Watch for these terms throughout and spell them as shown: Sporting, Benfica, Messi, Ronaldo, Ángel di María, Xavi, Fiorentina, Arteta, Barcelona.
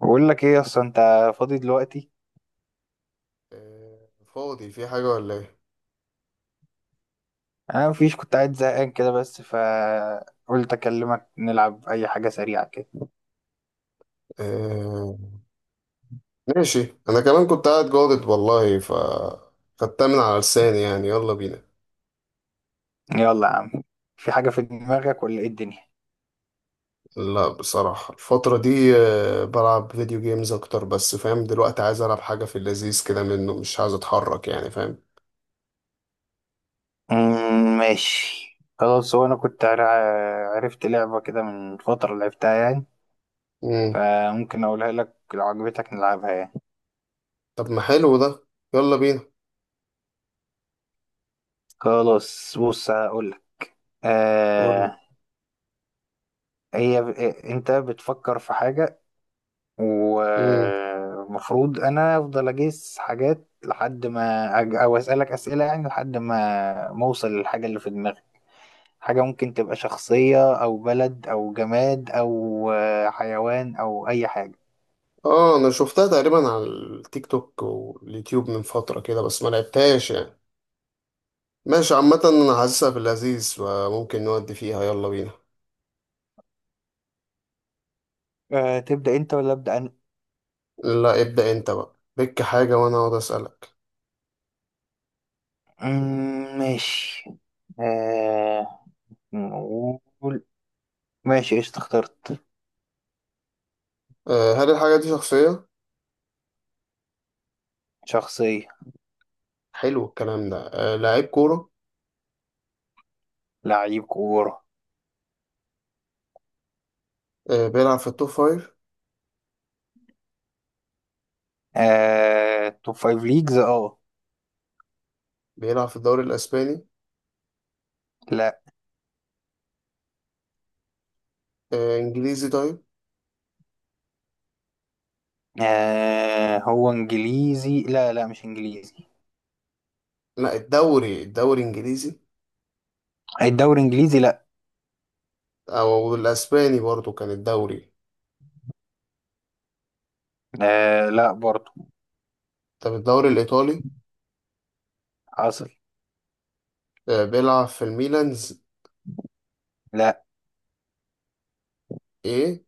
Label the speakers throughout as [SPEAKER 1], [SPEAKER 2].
[SPEAKER 1] بقول لك ايه، اصلا انت فاضي دلوقتي؟
[SPEAKER 2] آه، فاضي في حاجة ولا ايه؟
[SPEAKER 1] انا مفيش، كنت قاعد زهقان كده بس فقلت اكلمك نلعب اي حاجه سريعه كده.
[SPEAKER 2] آه، ماشي. انا كمان كنت قاعد جادد والله ف خدتها من على لساني يعني، يلا بينا.
[SPEAKER 1] يلا يا عم. في حاجه في دماغك ولا ايه الدنيا؟
[SPEAKER 2] لا، بصراحة الفترة دي بلعب فيديو جيمز اكتر، بس فاهم؟ دلوقتي عايز العب حاجة في اللذيذ كده منه، مش عايز اتحرك يعني، فاهم؟
[SPEAKER 1] ماشي. خلاص، هو انا كنت عرفت لعبه كده من فتره لعبتها يعني.
[SPEAKER 2] مم.
[SPEAKER 1] فممكن اقولها لك لو عجبتك نلعبها يعني.
[SPEAKER 2] طب ما حلو ده، يلا بينا.
[SPEAKER 1] خلاص بص هقول لك.
[SPEAKER 2] قول لي.
[SPEAKER 1] آه هي ب- انت بتفكر في حاجه،
[SPEAKER 2] مم.
[SPEAKER 1] ومفروض انا افضل اجيس حاجات لحد ما او اسالك اسئله يعني لحد ما اوصل للحاجه اللي في دماغي. حاجه ممكن تبقى شخصيه او بلد او جماد او حيوان او اي حاجه.
[SPEAKER 2] اه، انا شفتها تقريبا على التيك توك واليوتيوب من فترة كده، بس ما لعبتهاش يعني. ماشي، عامة انا حاسسها في اللذيذ وممكن نودي فيها، يلا بينا.
[SPEAKER 1] أه، تبدا انت ولا ابدا انا؟
[SPEAKER 2] لا، ابدأ انت بقى بك حاجة وانا اقعد اسألك.
[SPEAKER 1] ماشي. أه، نقول. ماشي، ايش اخترت؟
[SPEAKER 2] هل الحاجة دي شخصية؟
[SPEAKER 1] شخصيه.
[SPEAKER 2] حلو الكلام ده. لعيب كورة.
[SPEAKER 1] لعيب كوره.
[SPEAKER 2] بيلعب في التوب فايف.
[SPEAKER 1] أه، توب فايف ليجز اه.
[SPEAKER 2] بيلعب في الدوري الاسباني.
[SPEAKER 1] لا.
[SPEAKER 2] انجليزي طيب؟
[SPEAKER 1] آه، هو انجليزي؟ لا لا، مش انجليزي.
[SPEAKER 2] لا، الدوري انجليزي.
[SPEAKER 1] الدوري انجليزي؟ لا.
[SPEAKER 2] او الاسباني برضو كان الدوري.
[SPEAKER 1] آه، لا برضه.
[SPEAKER 2] طب الدوري الايطالي.
[SPEAKER 1] حصل.
[SPEAKER 2] بيلعب في الميلانز.
[SPEAKER 1] لا،
[SPEAKER 2] ايه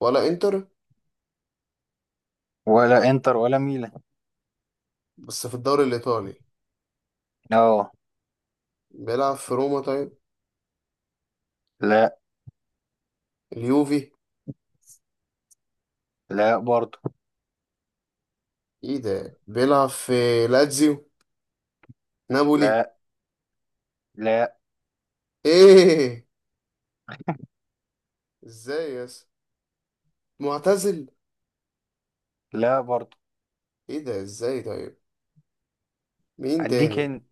[SPEAKER 2] ولا انتر.
[SPEAKER 1] ولا انتر ولا ميلان.
[SPEAKER 2] بس في الدوري الايطالي.
[SPEAKER 1] اه.
[SPEAKER 2] بيلعب في روما طيب.
[SPEAKER 1] لا،
[SPEAKER 2] اليوفي.
[SPEAKER 1] لا برضه.
[SPEAKER 2] ايه ده، بيلعب في لاتزيو؟ نابولي؟
[SPEAKER 1] لا، لا،
[SPEAKER 2] ايه ازاي يا اسطى؟ معتزل؟
[SPEAKER 1] لا برضه.
[SPEAKER 2] ايه ده، ازاي طيب؟ مين
[SPEAKER 1] اديك
[SPEAKER 2] تاني؟
[SPEAKER 1] انت،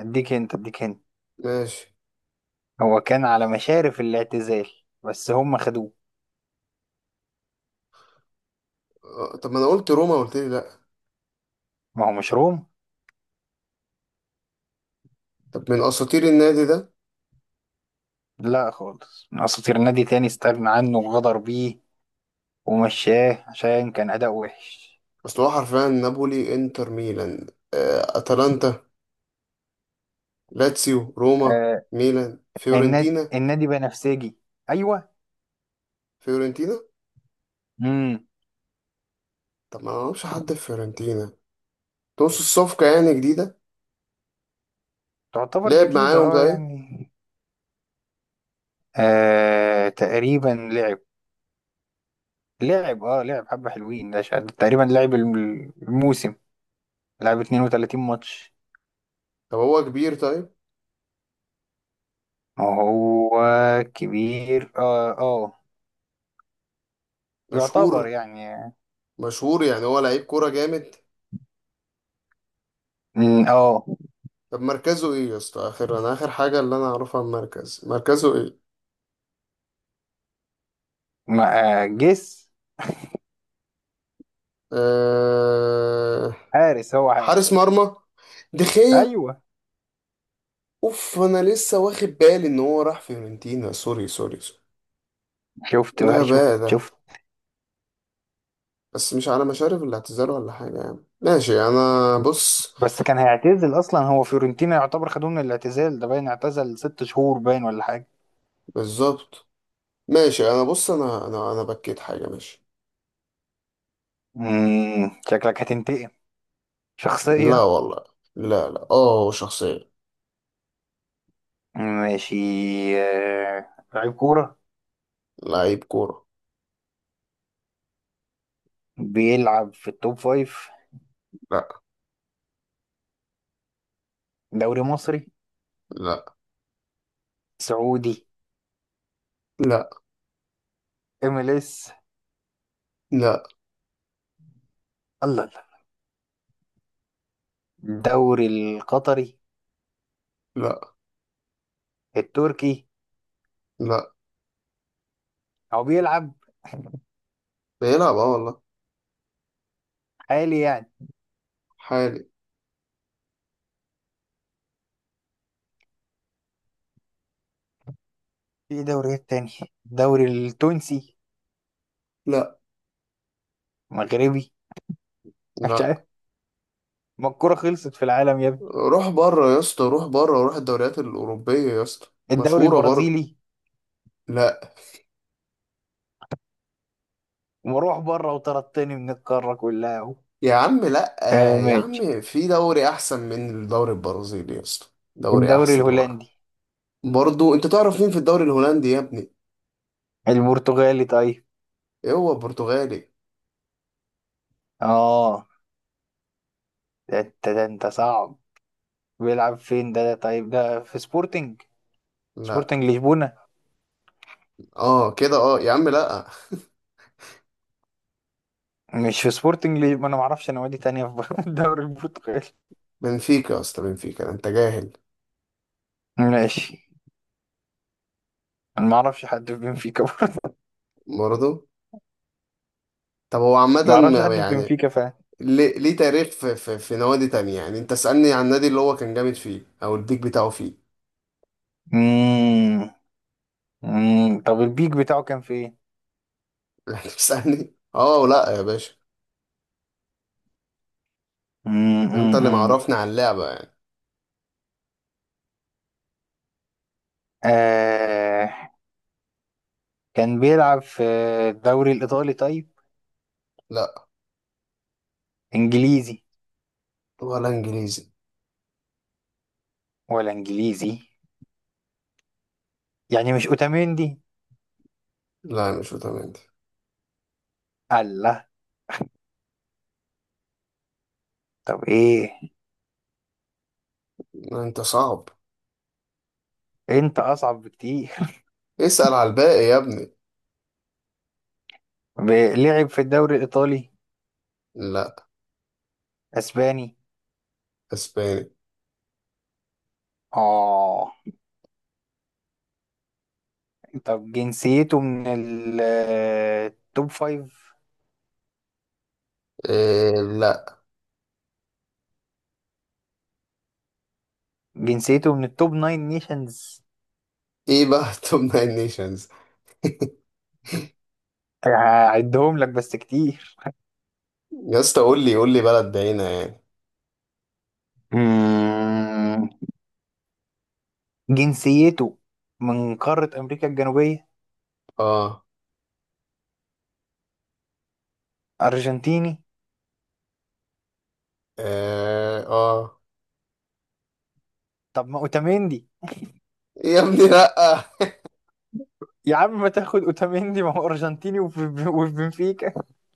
[SPEAKER 1] اديك انت، اديك انت.
[SPEAKER 2] ماشي.
[SPEAKER 1] هو كان على مشارف الاعتزال بس هم خدوه.
[SPEAKER 2] طب ما انا قلت روما، قلت لي لا.
[SPEAKER 1] ما هو مش روم.
[SPEAKER 2] طب من اساطير النادي ده؟
[SPEAKER 1] لا خالص، من اساطير نادي تاني استغنى عنه وغدر بيه ومشاه عشان كان اداء وحش.
[SPEAKER 2] اصل هو حرفيا نابولي، انتر، ميلان، اتلانتا، لاتسيو، روما،
[SPEAKER 1] آه.
[SPEAKER 2] ميلان،
[SPEAKER 1] النادي
[SPEAKER 2] فيورنتينا.
[SPEAKER 1] النادي بنفسجي. ايوه.
[SPEAKER 2] فيورنتينا.
[SPEAKER 1] امم.
[SPEAKER 2] طب ما انا معرفش حد في فيورنتينا. تقصد الصفقة يعني جديدة.
[SPEAKER 1] تعتبر
[SPEAKER 2] لعب
[SPEAKER 1] جديدة
[SPEAKER 2] معاهم
[SPEAKER 1] اه
[SPEAKER 2] طيب.
[SPEAKER 1] يعني. آه، تقريبا لعب. لعب حبة حلوين، ده تقريبا لعب الموسم. لعب 32 ماتش.
[SPEAKER 2] طب هو كبير طيب.
[SPEAKER 1] هو كبير، اه اه، يعتبر
[SPEAKER 2] مشهور.
[SPEAKER 1] يعني.
[SPEAKER 2] مشهور يعني، هو لعيب كورة جامد.
[SPEAKER 1] مم، اه.
[SPEAKER 2] طب مركزه ايه يا اسطى؟ اخر انا اخر حاجة اللي انا اعرفها المركز، مركزه ايه؟
[SPEAKER 1] جس.
[SPEAKER 2] أه...
[SPEAKER 1] حارس، هو
[SPEAKER 2] حارس
[SPEAKER 1] حارس.
[SPEAKER 2] مرمى. دخية.
[SPEAKER 1] ايوه.
[SPEAKER 2] اوف، انا لسه واخد بالي ان هو راح فيورنتينا. سوري سوري سوري. إيه
[SPEAKER 1] شفت بقى، شفت
[SPEAKER 2] الغباء ده.
[SPEAKER 1] شفت.
[SPEAKER 2] بس مش على مشارف الاعتذار ولا حاجة يعني، ماشي انا بص.
[SPEAKER 1] بس كان هيعتزل اصلا، هو فيورنتينا يعتبر خدوه من الاعتزال، ده باين اعتزل 6 شهور باين ولا حاجة.
[SPEAKER 2] بالظبط. ماشي انا بص، انا بكيت حاجة، ماشي.
[SPEAKER 1] شكلك هتنتقم.
[SPEAKER 2] لا
[SPEAKER 1] شخصية.
[SPEAKER 2] والله. لا لا، اه شخصية.
[SPEAKER 1] ماشي. لعيب كورة.
[SPEAKER 2] لعيب كورة.
[SPEAKER 1] بيلعب في التوب فايف.
[SPEAKER 2] لا.
[SPEAKER 1] دوري مصري؟
[SPEAKER 2] لا.
[SPEAKER 1] سعودي؟
[SPEAKER 2] لا.
[SPEAKER 1] ام ال اس؟
[SPEAKER 2] لا.
[SPEAKER 1] الله الله. الدوري القطري؟
[SPEAKER 2] لا.
[SPEAKER 1] التركي؟
[SPEAKER 2] لا.
[SPEAKER 1] هو بيلعب
[SPEAKER 2] بيلعب اه والله.
[SPEAKER 1] حالي يعني
[SPEAKER 2] حالي.
[SPEAKER 1] في دوريات تانية. الدوري التونسي؟
[SPEAKER 2] لا.
[SPEAKER 1] مغربي؟ مش
[SPEAKER 2] لا.
[SPEAKER 1] عارف. ما الكورة خلصت في العالم يا ابني!
[SPEAKER 2] روح بره يا اسطى، روح بره، روح الدوريات الأوروبية يا اسطى.
[SPEAKER 1] الدوري
[SPEAKER 2] مشهورة برضه.
[SPEAKER 1] البرازيلي؟
[SPEAKER 2] لا.
[SPEAKER 1] ومروح بره وطردتني من القارة كلها اهو.
[SPEAKER 2] يا عم. لا
[SPEAKER 1] آه،
[SPEAKER 2] يا
[SPEAKER 1] ماشي.
[SPEAKER 2] عم، في دوري أحسن من الدوري البرازيلي يا اسطى. دوري
[SPEAKER 1] الدوري
[SPEAKER 2] أحسن
[SPEAKER 1] الهولندي؟
[SPEAKER 2] برضه. أنت تعرف مين في الدوري الهولندي يا ابني؟
[SPEAKER 1] البرتغالي طيب؟
[SPEAKER 2] إيه، هو برتغالي؟
[SPEAKER 1] اه. ده انت، ده انت صعب. بيلعب فين ده؟ طيب، ده في سبورتنج؟
[SPEAKER 2] لا.
[SPEAKER 1] سبورتنج لشبونة؟
[SPEAKER 2] اه كده، اه. يا عم لا.
[SPEAKER 1] مش في سبورتنج ما انا ما اعرفش نوادي تانية في الدوري البرتغالي.
[SPEAKER 2] بنفيكا يا اسطى، بنفيكا، أنت جاهل.
[SPEAKER 1] ماشي. انا ما اعرفش حد في بنفيكا برضه.
[SPEAKER 2] برضه. طب هو عامة
[SPEAKER 1] ما اعرفش حد في
[SPEAKER 2] يعني
[SPEAKER 1] بنفيكا فعلا.
[SPEAKER 2] ليه؟ ليه تاريخ في نوادي تانية يعني، أنت اسألني عن النادي اللي هو كان جامد فيه أو البيك بتاعه فيه.
[SPEAKER 1] امم. أمم. طب البيك بتاعه كان في ايه؟
[SPEAKER 2] يعني اسألني، اه لا يا باشا.
[SPEAKER 1] أمم،
[SPEAKER 2] انت
[SPEAKER 1] أمم،
[SPEAKER 2] اللي
[SPEAKER 1] أمم.
[SPEAKER 2] معرفني على اللعبة يعني.
[SPEAKER 1] آه... كان بيلعب في الدوري الايطالي طيب؟
[SPEAKER 2] لا.
[SPEAKER 1] انجليزي؟
[SPEAKER 2] ولا انجليزي.
[SPEAKER 1] ولا انجليزي؟ يعني مش اوتاميندي؟
[SPEAKER 2] لا، مش فيتامين دي.
[SPEAKER 1] الله. طب ايه؟
[SPEAKER 2] لا، انت صعب.
[SPEAKER 1] انت اصعب بكتير.
[SPEAKER 2] اسأل على الباقي يا ابني.
[SPEAKER 1] لعب في الدوري الايطالي؟
[SPEAKER 2] لا.
[SPEAKER 1] اسباني؟
[SPEAKER 2] اسباني.
[SPEAKER 1] اه. طب جنسيته من التوب فايف؟
[SPEAKER 2] إيه. لا.
[SPEAKER 1] جنسيته من التوب ناين نيشنز.
[SPEAKER 2] ايه بقى توب ناين نيشنز.
[SPEAKER 1] هعدهم لك بس كتير.
[SPEAKER 2] يا اسطى قول لي، قول لي بلد بعينة يعني.
[SPEAKER 1] مم. جنسيته من قارة أمريكا الجنوبية.
[SPEAKER 2] اه.
[SPEAKER 1] أرجنتيني.
[SPEAKER 2] اه. اه
[SPEAKER 1] طب ما أوتاميندي؟
[SPEAKER 2] يا ابني لا.
[SPEAKER 1] يا عم، ما تاخد أوتاميندي، ما هو أرجنتيني وفي بنفيكا.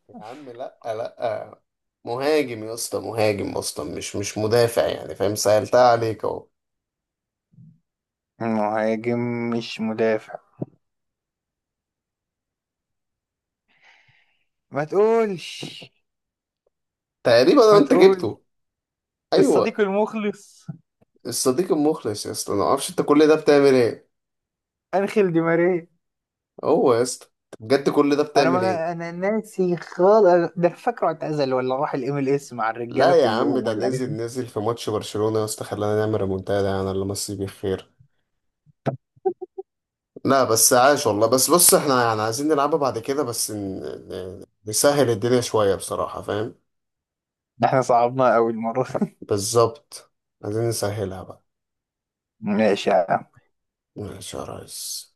[SPEAKER 2] يا عم لا. لا، مهاجم يا اسطى، مهاجم اصلا، مش مدافع يعني، فاهم؟ سهلتها عليك اهو.
[SPEAKER 1] مهاجم مش مدافع. ما تقولش.
[SPEAKER 2] تقريبا
[SPEAKER 1] ما
[SPEAKER 2] انت
[SPEAKER 1] تقول.
[SPEAKER 2] جبته. ايوه.
[SPEAKER 1] الصديق المخلص.
[SPEAKER 2] الصديق المخلص. يا اسطى، انا ما اعرفش انت كل ده بتعمل ايه.
[SPEAKER 1] أنخيل دي ماريا.
[SPEAKER 2] هو يا اسطى. بجد كل ده
[SPEAKER 1] انا
[SPEAKER 2] بتعمل ايه؟
[SPEAKER 1] ما انا ناسي خالص، ده أنا فاكره اعتزل، ولا راح الام ال اس مع الرجاله
[SPEAKER 2] لا يا عم،
[SPEAKER 1] كلهم
[SPEAKER 2] ده
[SPEAKER 1] ولا ايه؟
[SPEAKER 2] نزل، نزل في ماتش برشلونة يا اسطى، خلانا نعمل ريمونتادا يعني، الله مسيه بالخير. لا بس عاش والله. بس بص، احنا يعني عايزين نلعبها بعد كده بس نسهل الدنيا شوية بصراحة، فاهم؟
[SPEAKER 1] ده احنا صعبنا قوي المره.
[SPEAKER 2] بالظبط. عايزين نسهلها بقى.
[SPEAKER 1] ماشي يا عم.
[SPEAKER 2] ماشي يا ريس.